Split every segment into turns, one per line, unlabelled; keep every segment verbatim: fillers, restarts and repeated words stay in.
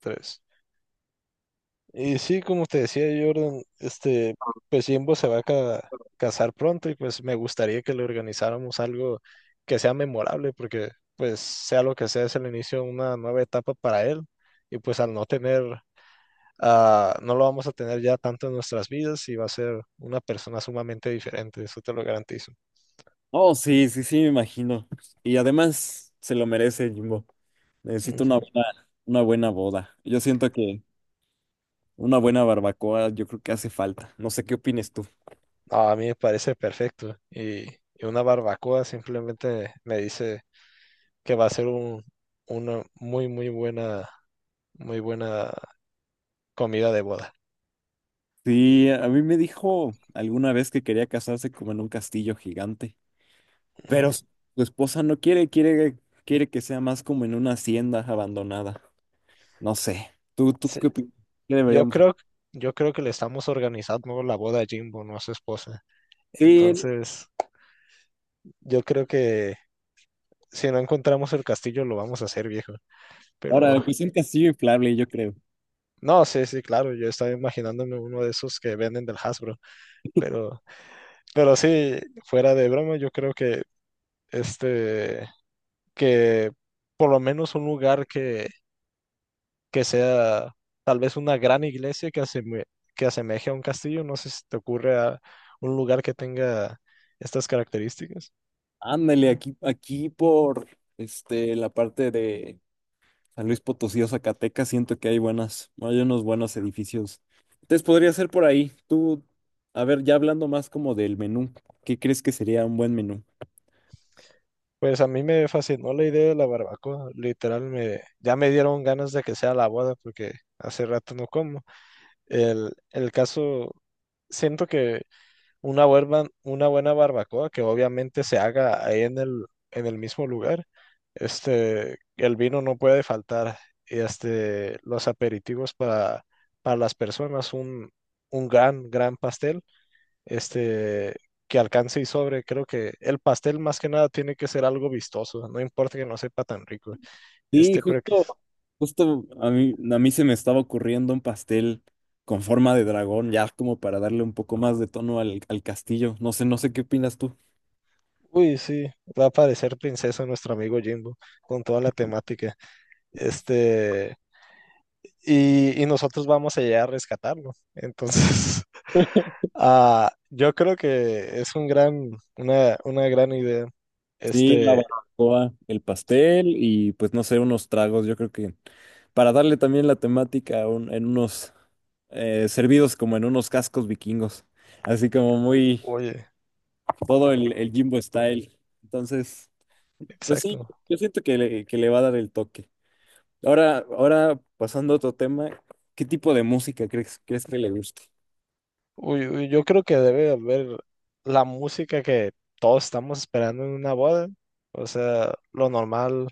Tres. Y sí, como te decía Jordan, este, pues Jimbo se va a ca- casar pronto y pues me gustaría que le organizáramos algo que sea memorable porque pues sea lo que sea es el inicio de una nueva etapa para él y pues al no tener, ah, no lo vamos a tener ya tanto en nuestras vidas y va a ser una persona sumamente diferente, eso te lo garantizo.
Oh, sí, sí, sí, me imagino. Y además se lo merece, Jimbo. Necesito una
Ujú.
buena, una buena boda. Yo siento que una buena barbacoa, yo creo que hace falta. No sé qué opines tú.
No, a mí me parece perfecto y, y una barbacoa simplemente me dice que va a ser un, una muy, muy buena muy buena comida de boda.
Sí, a mí me dijo alguna vez que quería casarse como en un castillo gigante, pero
Ujú.
s- su esposa no quiere, quiere, quiere que sea más como en una hacienda abandonada. No sé. ¿Tú, tú
Sí,
qué, opi- qué
yo
deberíamos?
creo, yo creo que le estamos organizando la boda a Jimbo, no a su esposa.
Sí,
Entonces, yo creo que si no encontramos el castillo, lo vamos a hacer, viejo. Pero,
ahora, pues un castillo inflable, yo creo.
no, sí, sí, claro, yo estaba imaginándome uno de esos que venden del Hasbro. Pero, pero sí, fuera de broma, yo creo que este, que por lo menos un lugar que que sea tal vez una gran iglesia que, aseme- que asemeje a un castillo. No sé si te ocurre a un lugar que tenga estas características.
Ándale, aquí, aquí por este, la parte de San Luis Potosí o Zacatecas, siento que hay buenas, hay unos buenos edificios. Entonces podría ser por ahí. Tú, a ver, ya hablando más como del menú, ¿qué crees que sería un buen menú?
Pues a mí me fascinó la idea de la barbacoa. Literal, me, ya me dieron ganas de que sea la boda porque hace rato no como. El, el caso, siento que una buena, una buena barbacoa que obviamente se haga ahí en el, en el mismo lugar. Este, el vino no puede faltar. Y este, los aperitivos para, para las personas, un, un gran, gran pastel, este, que alcance y sobre. Creo que el pastel más que nada tiene que ser algo vistoso, no importa que no sepa tan rico.
Sí,
Este, pero que,
justo, justo a mí, a mí se me estaba ocurriendo un pastel con forma de dragón, ya como para darle un poco más de tono al, al castillo. No sé, no sé qué opinas tú.
uy, sí, va a parecer princesa nuestro amigo Jimbo con toda la temática. Este. y, y nosotros vamos a llegar a rescatarlo. Entonces, ah, yo creo que es un gran, una, una gran idea.
Sí, la
Este,
barbacoa, el pastel y pues no sé, unos tragos, yo creo que para darle también la temática a un- en unos eh, servidos como en unos cascos vikingos, así como muy
oye,
todo el, el Jimbo style. Entonces, pues sí,
exacto.
yo siento que le, que le va a dar el toque. Ahora, ahora pasando a otro tema, ¿qué tipo de música crees, crees que le guste?
Uy, uy, yo creo que debe haber la música que todos estamos esperando en una boda. O sea, lo normal,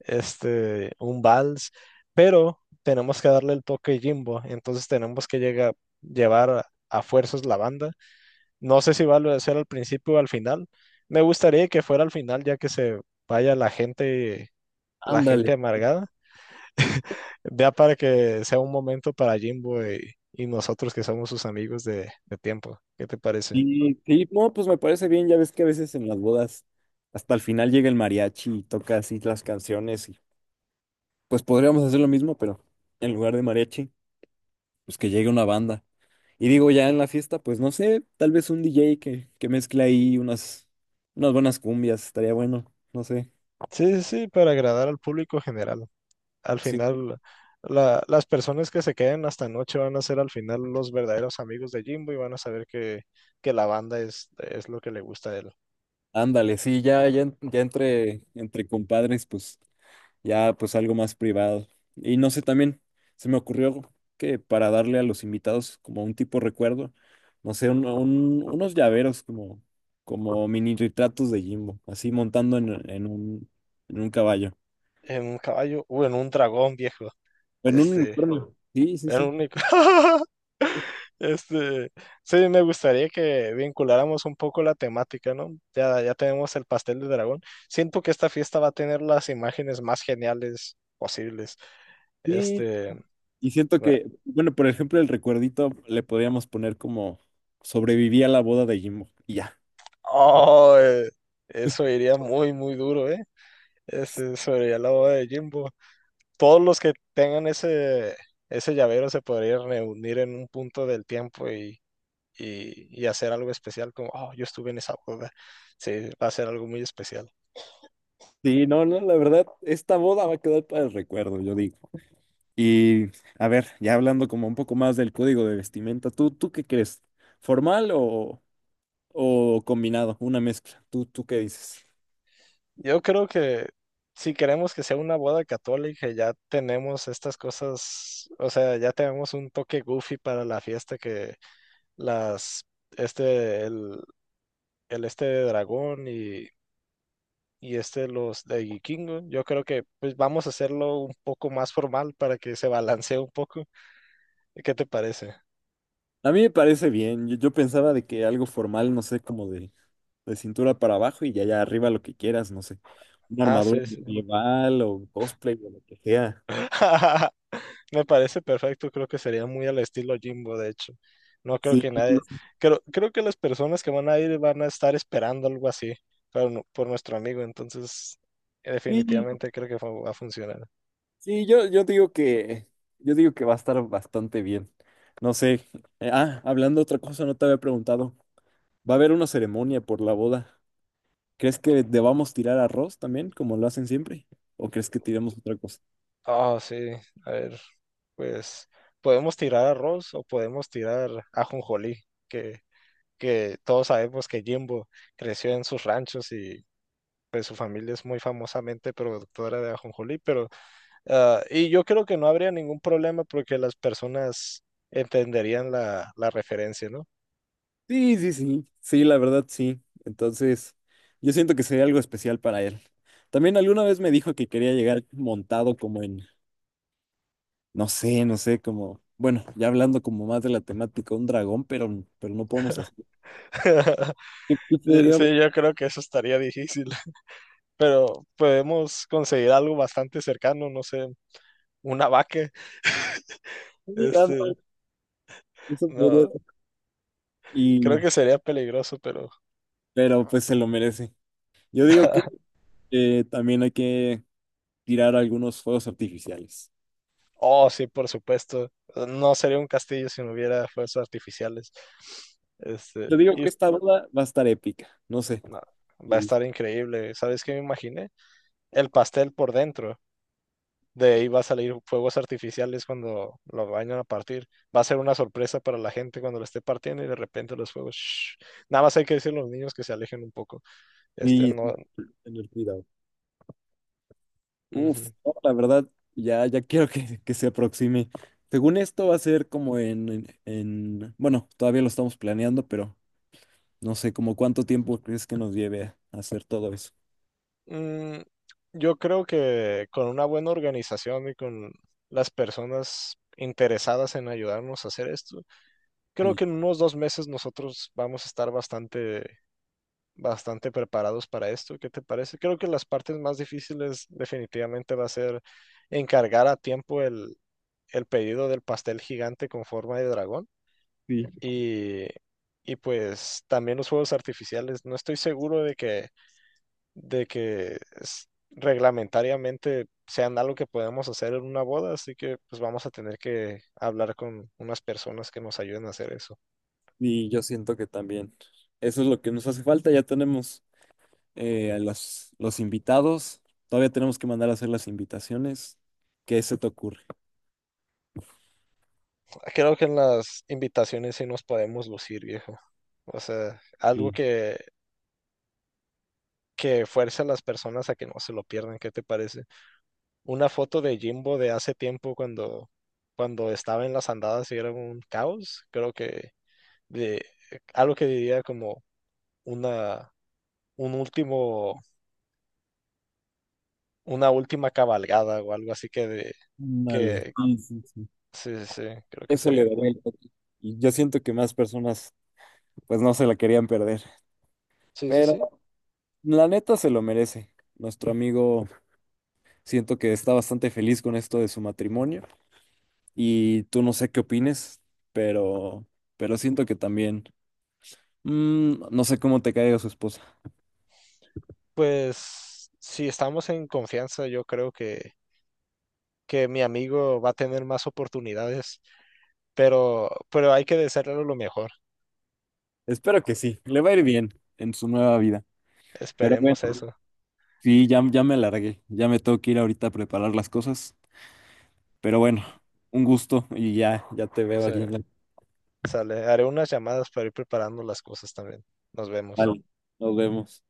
este, un vals, pero tenemos que darle el toque Jimbo. Entonces tenemos que llegar, llevar a a fuerzas la banda. No sé si va a ser al principio o al final. Me gustaría que fuera al final, ya que se vaya la gente, la gente
Ándale.
amargada. Ya para que sea un momento para Jimbo y, y nosotros que somos sus amigos de, de tiempo. ¿Qué te parece?
Sí, sí, no, pues me parece bien, ya ves que a veces en las bodas hasta el final llega el mariachi y toca así las canciones y pues podríamos hacer lo mismo, pero en lugar de mariachi, pues que llegue una banda. Y digo, ya en la fiesta, pues no sé, tal vez un D J que, que mezcle ahí unas, unas buenas cumbias, estaría bueno, no sé.
Sí, sí, sí, para agradar al público general. Al
Sí,
final, la- las personas que se queden hasta noche van a ser al final los verdaderos amigos de Jimbo y van a saber que, que la banda es, es lo que le gusta a él.
ándale, sí, ya, ya, en- ya entre, entre compadres, pues ya pues algo más privado. Y no sé, también se me ocurrió que para darle a los invitados como un tipo recuerdo, no sé, un- un- unos llaveros como, como mini retratos de Jimbo, así montando en, en un, en un caballo.
En un caballo, o en un dragón viejo.
En un
Este.
unicornio. Sí, sí,
Era
sí.
único. Este, sí, me gustaría que vinculáramos un poco la temática, ¿no? Ya, ya tenemos el pastel de dragón. Siento que esta fiesta va a tener las imágenes más geniales posibles.
Sí,
Este,
y siento
va-
que, bueno, por ejemplo, el recuerdito le podríamos poner como sobreviví a la boda de Jimbo. Y ya.
oh, eh, eso iría muy, muy duro, ¿eh? Este, sobre la boda de Jimbo. Todos los que tengan ese, ese llavero se podrían reunir en un punto del tiempo y, y, y hacer algo especial, como, oh, yo estuve en esa boda. Sí, va a ser algo muy especial.
Sí, no, no, la verdad, esta boda va a quedar para el recuerdo, yo digo. Y a ver, ya hablando como un poco más del código de vestimenta, ¿tú, tú qué crees? ¿Formal o, o combinado? Una mezcla. ¿Tú, tú qué dices?
Yo creo que si queremos que sea una boda católica, ya tenemos estas cosas, o sea, ya tenemos un toque goofy para la fiesta que las, este, el, el este de dragón y, y este los de vikingo. Yo creo que pues vamos a hacerlo un poco más formal para que se balancee un poco. ¿Qué te parece?
A mí me parece bien. Yo, yo pensaba de que algo formal, no sé, como de, de cintura para abajo y ya allá arriba lo que quieras, no sé. Una
Ah,
armadura
sí, sí.
medieval o cosplay o lo que sea.
Me parece perfecto, creo que sería muy al estilo Jimbo, de hecho. No creo
Sí,
que nadie, creo, creo que las personas que van a ir van a estar esperando algo así pero no- por nuestro amigo, entonces eh,
sí,
definitivamente creo que fu- va a funcionar.
sí, yo, yo digo que yo digo que va a estar bastante bien. No sé. eh, ah, hablando de otra cosa, no te había preguntado. Va a haber una ceremonia por la boda. ¿Crees que debamos tirar arroz también, como lo hacen siempre? ¿O crees que tiremos otra cosa?
Ah, sí, a ver, pues podemos tirar arroz o podemos tirar ajonjolí, que, que todos sabemos que Jimbo creció en sus ranchos y pues su familia es muy famosamente productora de ajonjolí, pero Ah, y yo creo que no habría ningún problema porque las personas entenderían la, la referencia, ¿no?
Sí, sí, sí. Sí, la verdad, sí. Entonces, yo siento que sería algo especial para él. También alguna vez me dijo que quería llegar montado como en, no sé, no sé, como, bueno, ya hablando como más de la temática, un dragón, pero, pero no podemos hacer. Que tú podrías,
Sí, yo creo que eso estaría difícil, pero podemos conseguir algo bastante cercano, no sé, una vaca, este,
eso podría
no,
ser.
creo
Y,
que sería peligroso, pero,
pero pues se lo merece. Yo digo que eh, también hay que tirar algunos fuegos artificiales.
oh, sí, por supuesto, no sería un castillo si no hubiera fuerzas artificiales, este,
Yo digo
y
que esta boda va a estar épica, no sé.
no, va a estar increíble, ¿sabes qué me imaginé? El pastel por dentro. De ahí va a salir fuegos artificiales cuando lo vayan a partir. Va a ser una sorpresa para la gente cuando lo esté partiendo y de repente los fuegos. Shhh. Nada más hay que decirle a los niños que se alejen un poco. Este
Y
no.
tener cuidado. Uf,
Ujú.
no, la verdad, ya, ya quiero que, que se aproxime. Según esto va a ser como en, en, en- bueno, todavía lo estamos planeando, pero no sé como cuánto tiempo crees que nos lleve a hacer todo eso.
Mm, yo creo que con una buena organización y con las personas interesadas en ayudarnos a hacer esto, creo
Sí.
que en unos dos meses nosotros vamos a estar bastante bastante preparados para esto. ¿Qué te parece? Creo que las partes más difíciles definitivamente va a ser encargar a tiempo el, el pedido del pastel gigante con forma de dragón
Sí.
y, y pues también los fuegos artificiales. No estoy seguro de que, de que s- reglamentariamente sean algo que podemos hacer en una boda, así que pues vamos a tener que hablar con unas personas que nos ayuden a hacer eso.
Y yo siento que también eso es lo que nos hace falta. Ya tenemos eh, a los, los invitados. Todavía tenemos que mandar a hacer las invitaciones. ¿Qué se te ocurre?
Creo que en las invitaciones sí nos podemos lucir, viejo. O sea, algo
Sí.
que, que fuerce a las personas a que no se lo pierdan, ¿qué te parece? Una foto de Jimbo de hace tiempo cuando, cuando estaba en las andadas y era un caos, creo que de, algo que diría como una, un último, una última cabalgada o algo así que de,
Ándale,
que
sí, sí, sí.
sí, sí, sí, creo que
Eso le
sería
daría
cool.
el toque. Y yo siento que más personas pues no se la querían perder.
Sí, sí,
Pero
sí.
la neta se lo merece. Nuestro amigo siento que está bastante feliz con esto de su matrimonio. Y tú no sé qué opines, pero, pero siento que también, mm, no sé cómo te caiga su esposa.
Pues si estamos en confianza, yo creo que que mi amigo va a tener más oportunidades, pero, pero hay que desearle lo mejor.
Espero que sí, le va a ir bien en su nueva vida. Pero
Esperemos
bueno,
eso.
sí, ya, ya me largué, ya me tengo que ir ahorita a preparar las cosas. Pero bueno, un gusto y ya, ya te veo
Sí,
aquí en la...
sale. Haré unas llamadas para ir preparando las cosas también. Nos vemos.
Vale, nos vemos.